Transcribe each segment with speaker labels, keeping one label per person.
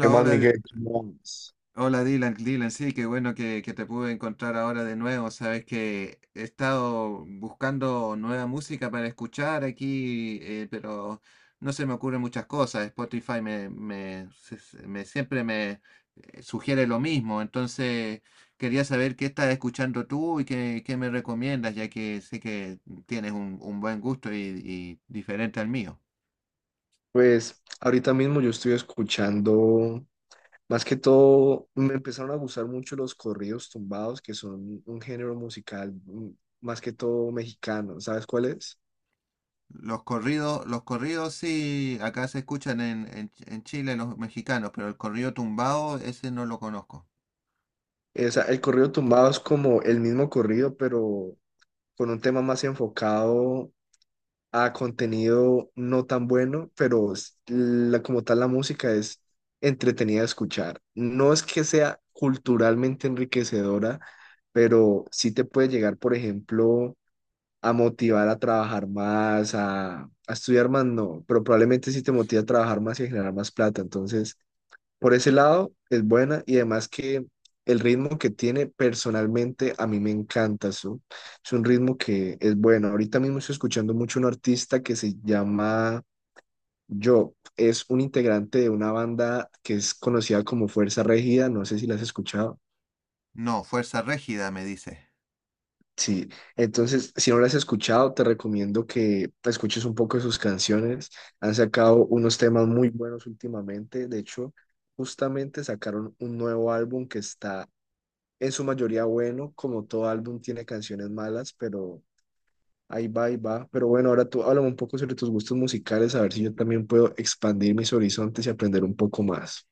Speaker 1: ¿Qué más,
Speaker 2: hola, D-
Speaker 1: Miguel? ¿Qué más?
Speaker 2: hola Dylan, sí, qué bueno que te pude encontrar ahora de nuevo. Sabes que he estado buscando nueva música para escuchar aquí, pero no se me ocurren muchas cosas. Spotify me, me, se- se- me- siempre me sugiere lo mismo. Entonces quería saber qué estás escuchando tú y qué me recomiendas, ya que sé que tienes un buen gusto y diferente al mío.
Speaker 1: Pues ahorita mismo yo estoy escuchando, más que todo, me empezaron a gustar mucho los corridos tumbados, que son un género musical más que todo mexicano. ¿Sabes cuál es?
Speaker 2: Los corridos, sí, acá se escuchan en Chile los mexicanos, pero el corrido tumbado, ese no lo conozco.
Speaker 1: El corrido tumbado es como el mismo corrido, pero con un tema más enfocado a contenido no tan bueno, pero la, como tal la música es entretenida de escuchar. No es que sea culturalmente enriquecedora, pero sí te puede llegar, por ejemplo, a motivar a trabajar más, a estudiar más, no, pero probablemente sí te motiva a trabajar más y a generar más plata. Entonces, por ese lado, es buena y además que el ritmo que tiene personalmente a mí me encanta. Eso. Es un ritmo que es bueno. Ahorita mismo estoy escuchando mucho un artista que se llama Job. Es un integrante de una banda que es conocida como Fuerza Regida. No sé si la has escuchado.
Speaker 2: No, Fuerza Régida me dice.
Speaker 1: Sí, entonces si no las has escuchado, te recomiendo que escuches un poco de sus canciones. Han sacado unos temas muy buenos últimamente. De hecho, justamente sacaron un nuevo álbum que está en su mayoría bueno, como todo álbum tiene canciones malas, pero ahí va, ahí va. Pero bueno, ahora tú háblame un poco sobre tus gustos musicales, a ver si yo también puedo expandir mis horizontes y aprender un poco más.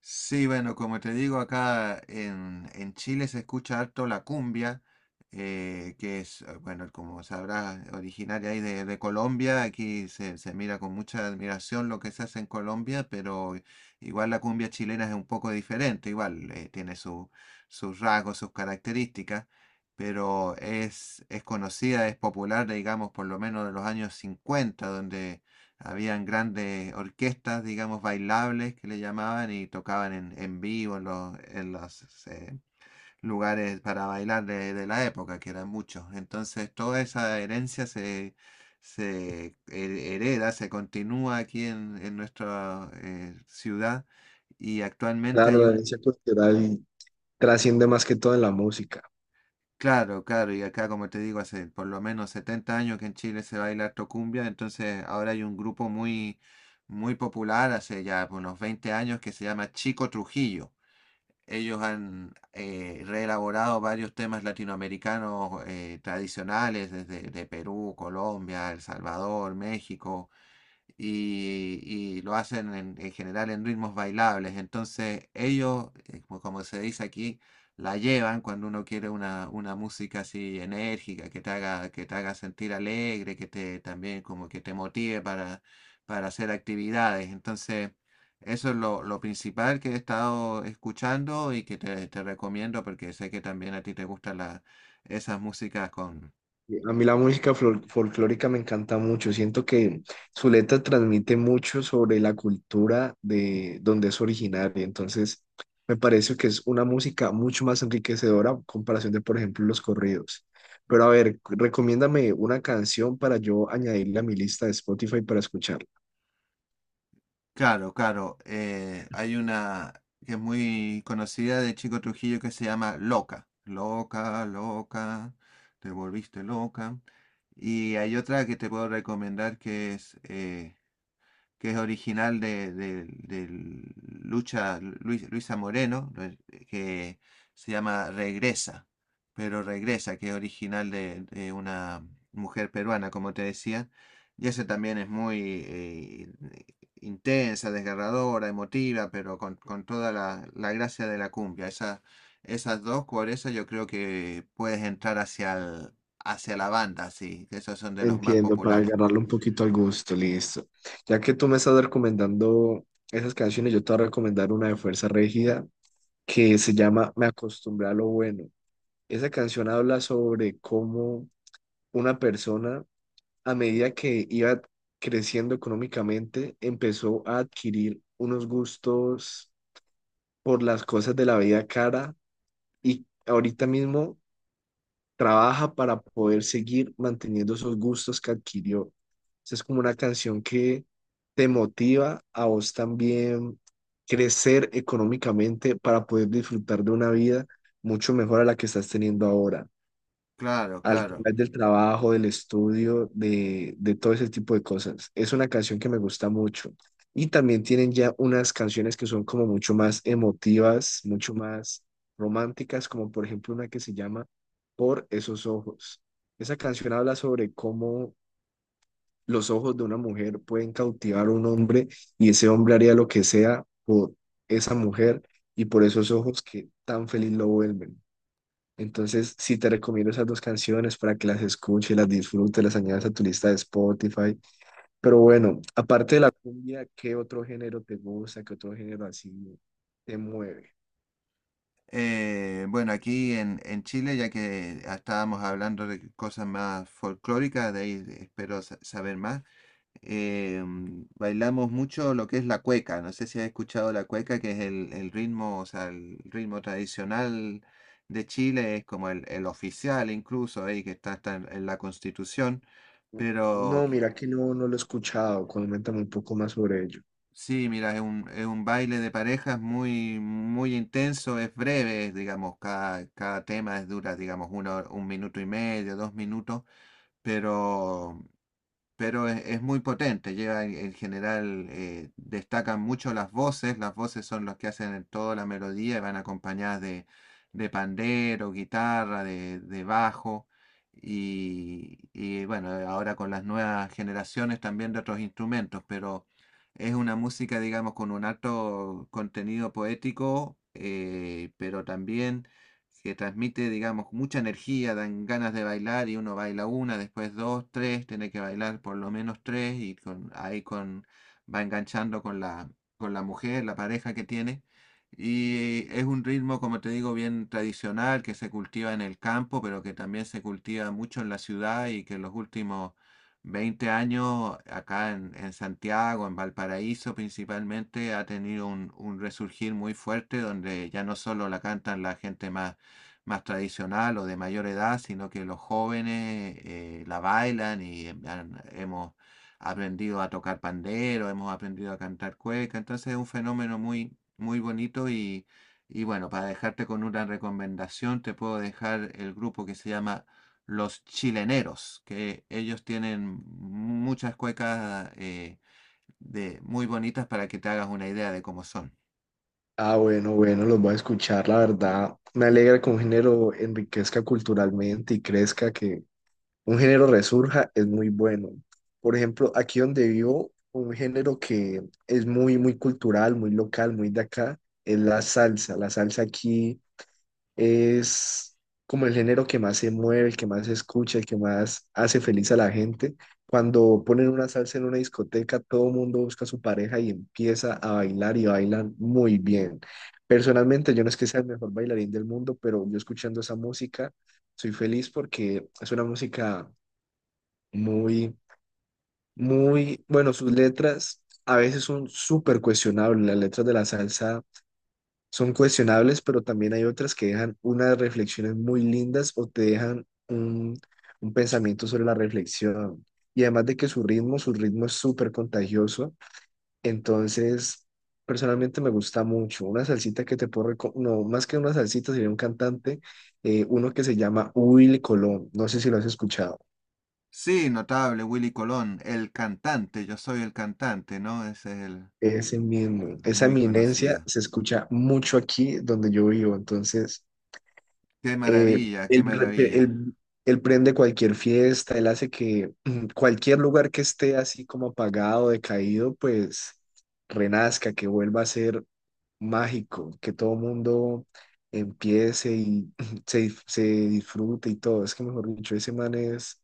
Speaker 2: Sí, bueno, como te digo, acá en Chile se escucha harto la cumbia, que es, bueno, como sabrás, originaria ahí de Colombia. Aquí se mira con mucha admiración lo que se hace en Colombia, pero igual la cumbia chilena es un poco diferente, igual tiene sus rasgos, sus características, pero es conocida, es popular, digamos, por lo menos de los años 50, donde habían grandes orquestas, digamos, bailables que le llamaban y tocaban en vivo en los, lugares para bailar de la época, que eran muchos. Entonces, toda esa herencia se hereda, se continúa aquí en nuestra ciudad y actualmente
Speaker 1: Claro,
Speaker 2: hay
Speaker 1: la
Speaker 2: un.
Speaker 1: herencia cultural trasciende más que todo en la música.
Speaker 2: Claro, claro, y acá como te digo, hace por lo menos 70 años que en Chile se baila harto cumbia, entonces ahora hay un grupo muy, muy popular, hace ya unos 20 años, que se llama Chico Trujillo. Ellos han reelaborado varios temas latinoamericanos tradicionales desde de Perú, Colombia, El Salvador, México, y lo hacen en general en ritmos bailables. Entonces ellos, como se dice aquí, la llevan cuando uno quiere una música así enérgica, que te haga sentir alegre, que te también como que te motive para hacer actividades. Entonces, eso es lo principal que he estado escuchando y que te recomiendo porque sé que también a ti te gustan esas músicas con.
Speaker 1: A mí la música folclórica me encanta mucho. Siento que su letra transmite mucho sobre la cultura de donde es originaria. Entonces, me parece que es una música mucho más enriquecedora en comparación de, por ejemplo, los corridos. Pero a ver, recomiéndame una canción para yo añadirla a mi lista de Spotify para escucharla.
Speaker 2: Claro, claro. Hay una que es muy conocida de Chico Trujillo que se llama Loca. Loca, loca, te volviste loca. Y hay otra que te puedo recomendar que es original del Lucha, Luisa Moreno, que se llama Regresa, pero Regresa, que es original de una mujer peruana, como te decía, y ese también es muy intensa, desgarradora, emotiva, pero con toda la gracia de la cumbia. Esas dos, por eso yo creo que puedes entrar hacia la banda, sí, que esos son de los más
Speaker 1: Entiendo, para
Speaker 2: populares.
Speaker 1: agarrarle un poquito al gusto, listo. Ya que tú me estás recomendando esas canciones, yo te voy a recomendar una de Fuerza Regida que se llama Me acostumbré a lo bueno. Esa canción habla sobre cómo una persona, a medida que iba creciendo económicamente, empezó a adquirir unos gustos por las cosas de la vida cara y ahorita mismo trabaja para poder seguir manteniendo esos gustos que adquirió. Esa es como una canción que te motiva a vos también crecer económicamente para poder disfrutar de una vida mucho mejor a la que estás teniendo ahora.
Speaker 2: Claro,
Speaker 1: Al
Speaker 2: claro.
Speaker 1: través del trabajo, del estudio, de todo ese tipo de cosas. Es una canción que me gusta mucho. Y también tienen ya unas canciones que son como mucho más emotivas, mucho más románticas, como por ejemplo una que se llama Por esos ojos. Esa canción habla sobre cómo los ojos de una mujer pueden cautivar a un hombre y ese hombre haría lo que sea por esa mujer y por esos ojos que tan feliz lo vuelven. Entonces, sí te recomiendo esas dos canciones para que las escuches, las disfrutes, las añadas a tu lista de Spotify. Pero bueno, aparte de la cumbia, ¿qué otro género te gusta? ¿Qué otro género así te mueve?
Speaker 2: Bueno, aquí en Chile, ya que estábamos hablando de cosas más folclóricas, de ahí espero saber más. Bailamos mucho lo que es la cueca. No sé si has escuchado la cueca, que es el ritmo, o sea, el ritmo tradicional de Chile, es como el oficial incluso, ahí que está, en la Constitución,
Speaker 1: Mm. No,
Speaker 2: pero que-
Speaker 1: mira que no, no lo he escuchado. Coméntame un poco más sobre ello.
Speaker 2: Sí, mira, es un baile de parejas muy, muy intenso, es breve, digamos, cada tema es dura, digamos, un minuto y medio, 2 minutos, pero pero es muy potente. Lleva en general, destacan mucho las voces. Las voces son los que hacen toda la melodía y van acompañadas de pandero, guitarra, de bajo. Y bueno, ahora con las nuevas generaciones también de otros instrumentos, pero es una música, digamos, con un alto contenido poético, pero también que transmite, digamos, mucha energía, dan ganas de bailar y uno baila una, después dos, tres, tiene que bailar por lo menos tres y con, va enganchando con la mujer, la pareja que tiene. Y es un ritmo, como te digo, bien tradicional que se cultiva en el campo, pero que también se cultiva mucho en la ciudad y que en los últimos 20 años acá en Santiago, en Valparaíso principalmente, ha tenido un resurgir muy fuerte donde ya no solo la cantan la gente más tradicional o de mayor edad, sino que los jóvenes la bailan y hemos aprendido a tocar pandero, hemos aprendido a cantar cueca, entonces es un fenómeno muy, muy bonito y bueno, para dejarte con una recomendación, te puedo dejar el grupo que se llama Los Chileneros, que ellos tienen muchas cuecas muy bonitas para que te hagas una idea de cómo son.
Speaker 1: Ah, bueno, bueno, los voy a escuchar, la verdad. Me alegra que un género enriquezca culturalmente y crezca, que un género resurja es muy bueno. Por ejemplo, aquí donde vivo, un género que es muy, muy cultural, muy local, muy de acá, es la salsa. La salsa aquí es como el género que más se mueve, el que más se escucha, el que más hace feliz a la gente. Cuando ponen una salsa en una discoteca, todo el mundo busca a su pareja y empieza a bailar y bailan muy bien. Personalmente, yo no es que sea el mejor bailarín del mundo, pero yo escuchando esa música, soy feliz porque es una música muy, muy, bueno, sus letras a veces son súper cuestionables, las letras de la salsa son cuestionables, pero también hay otras que dejan unas reflexiones muy lindas o te dejan un pensamiento sobre la reflexión. Y además de que su ritmo es súper contagioso, entonces personalmente me gusta mucho. Una salsita que te puedo recomendar, no, más que una salsita sería un cantante, uno que se llama Will Colón, no sé si lo has escuchado.
Speaker 2: Sí, notable, Willy Colón, el cantante, yo soy el cantante, ¿no? Ese es el
Speaker 1: Ese mismo, esa
Speaker 2: muy
Speaker 1: eminencia
Speaker 2: conocido.
Speaker 1: se escucha mucho aquí donde yo vivo, entonces
Speaker 2: Qué
Speaker 1: eh,
Speaker 2: maravilla, qué
Speaker 1: él, rep-
Speaker 2: maravilla.
Speaker 1: él- él prende cualquier fiesta, él hace que cualquier lugar que esté así como apagado, decaído, pues renazca, que vuelva a ser mágico, que todo mundo empiece y se disfrute y todo. Es que mejor dicho, ese man es,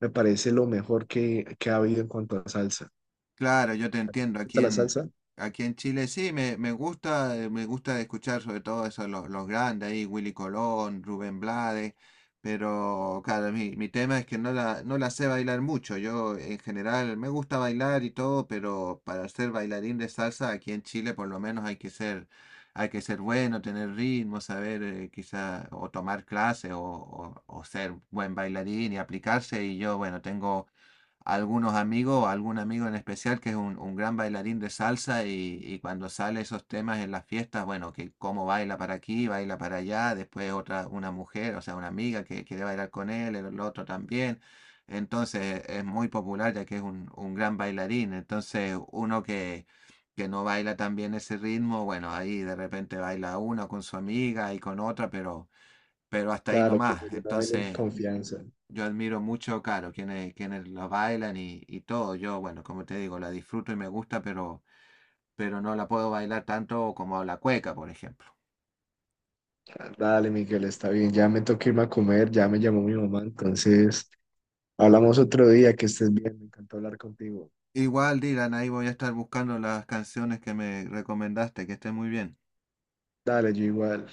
Speaker 1: me parece lo mejor que ha habido en cuanto a salsa. ¿Te
Speaker 2: Claro, yo te entiendo.
Speaker 1: gusta
Speaker 2: Aquí
Speaker 1: la
Speaker 2: en,
Speaker 1: salsa?
Speaker 2: aquí en Chile sí, me gusta escuchar sobre todo eso, los grandes ahí, Willy Colón, Rubén Blades, pero claro, mi tema es que no la sé bailar mucho. Yo en general me gusta bailar y todo, pero para ser bailarín de salsa aquí en Chile por lo menos hay que ser bueno, tener ritmo, saber quizá o tomar clases o ser buen bailarín y aplicarse. Y yo, bueno, tengo algunos amigos o algún amigo en especial que es un gran bailarín de salsa y cuando sale esos temas en las fiestas, bueno, que cómo baila para aquí, baila para allá, después otra, una mujer, o sea, una amiga que quiere bailar con él, el otro también. Entonces es muy popular ya que es un gran bailarín. Entonces uno que no baila también ese ritmo, bueno, ahí de repente baila uno con su amiga y con otra, pero hasta ahí
Speaker 1: Claro, que yo
Speaker 2: nomás.
Speaker 1: la bailo en
Speaker 2: Entonces
Speaker 1: confianza.
Speaker 2: yo admiro mucho, claro, quienes la bailan y todo. Yo, bueno, como te digo, la disfruto y me gusta, pero no la puedo bailar tanto como la cueca, por ejemplo.
Speaker 1: Dale, Miguel, está bien. Ya me toca irme a comer, ya me llamó mi mamá, entonces hablamos otro día, que estés bien, me encantó hablar contigo.
Speaker 2: Igual, Dylan, ahí voy a estar buscando las canciones que me recomendaste, que estén muy bien.
Speaker 1: Dale, yo igual.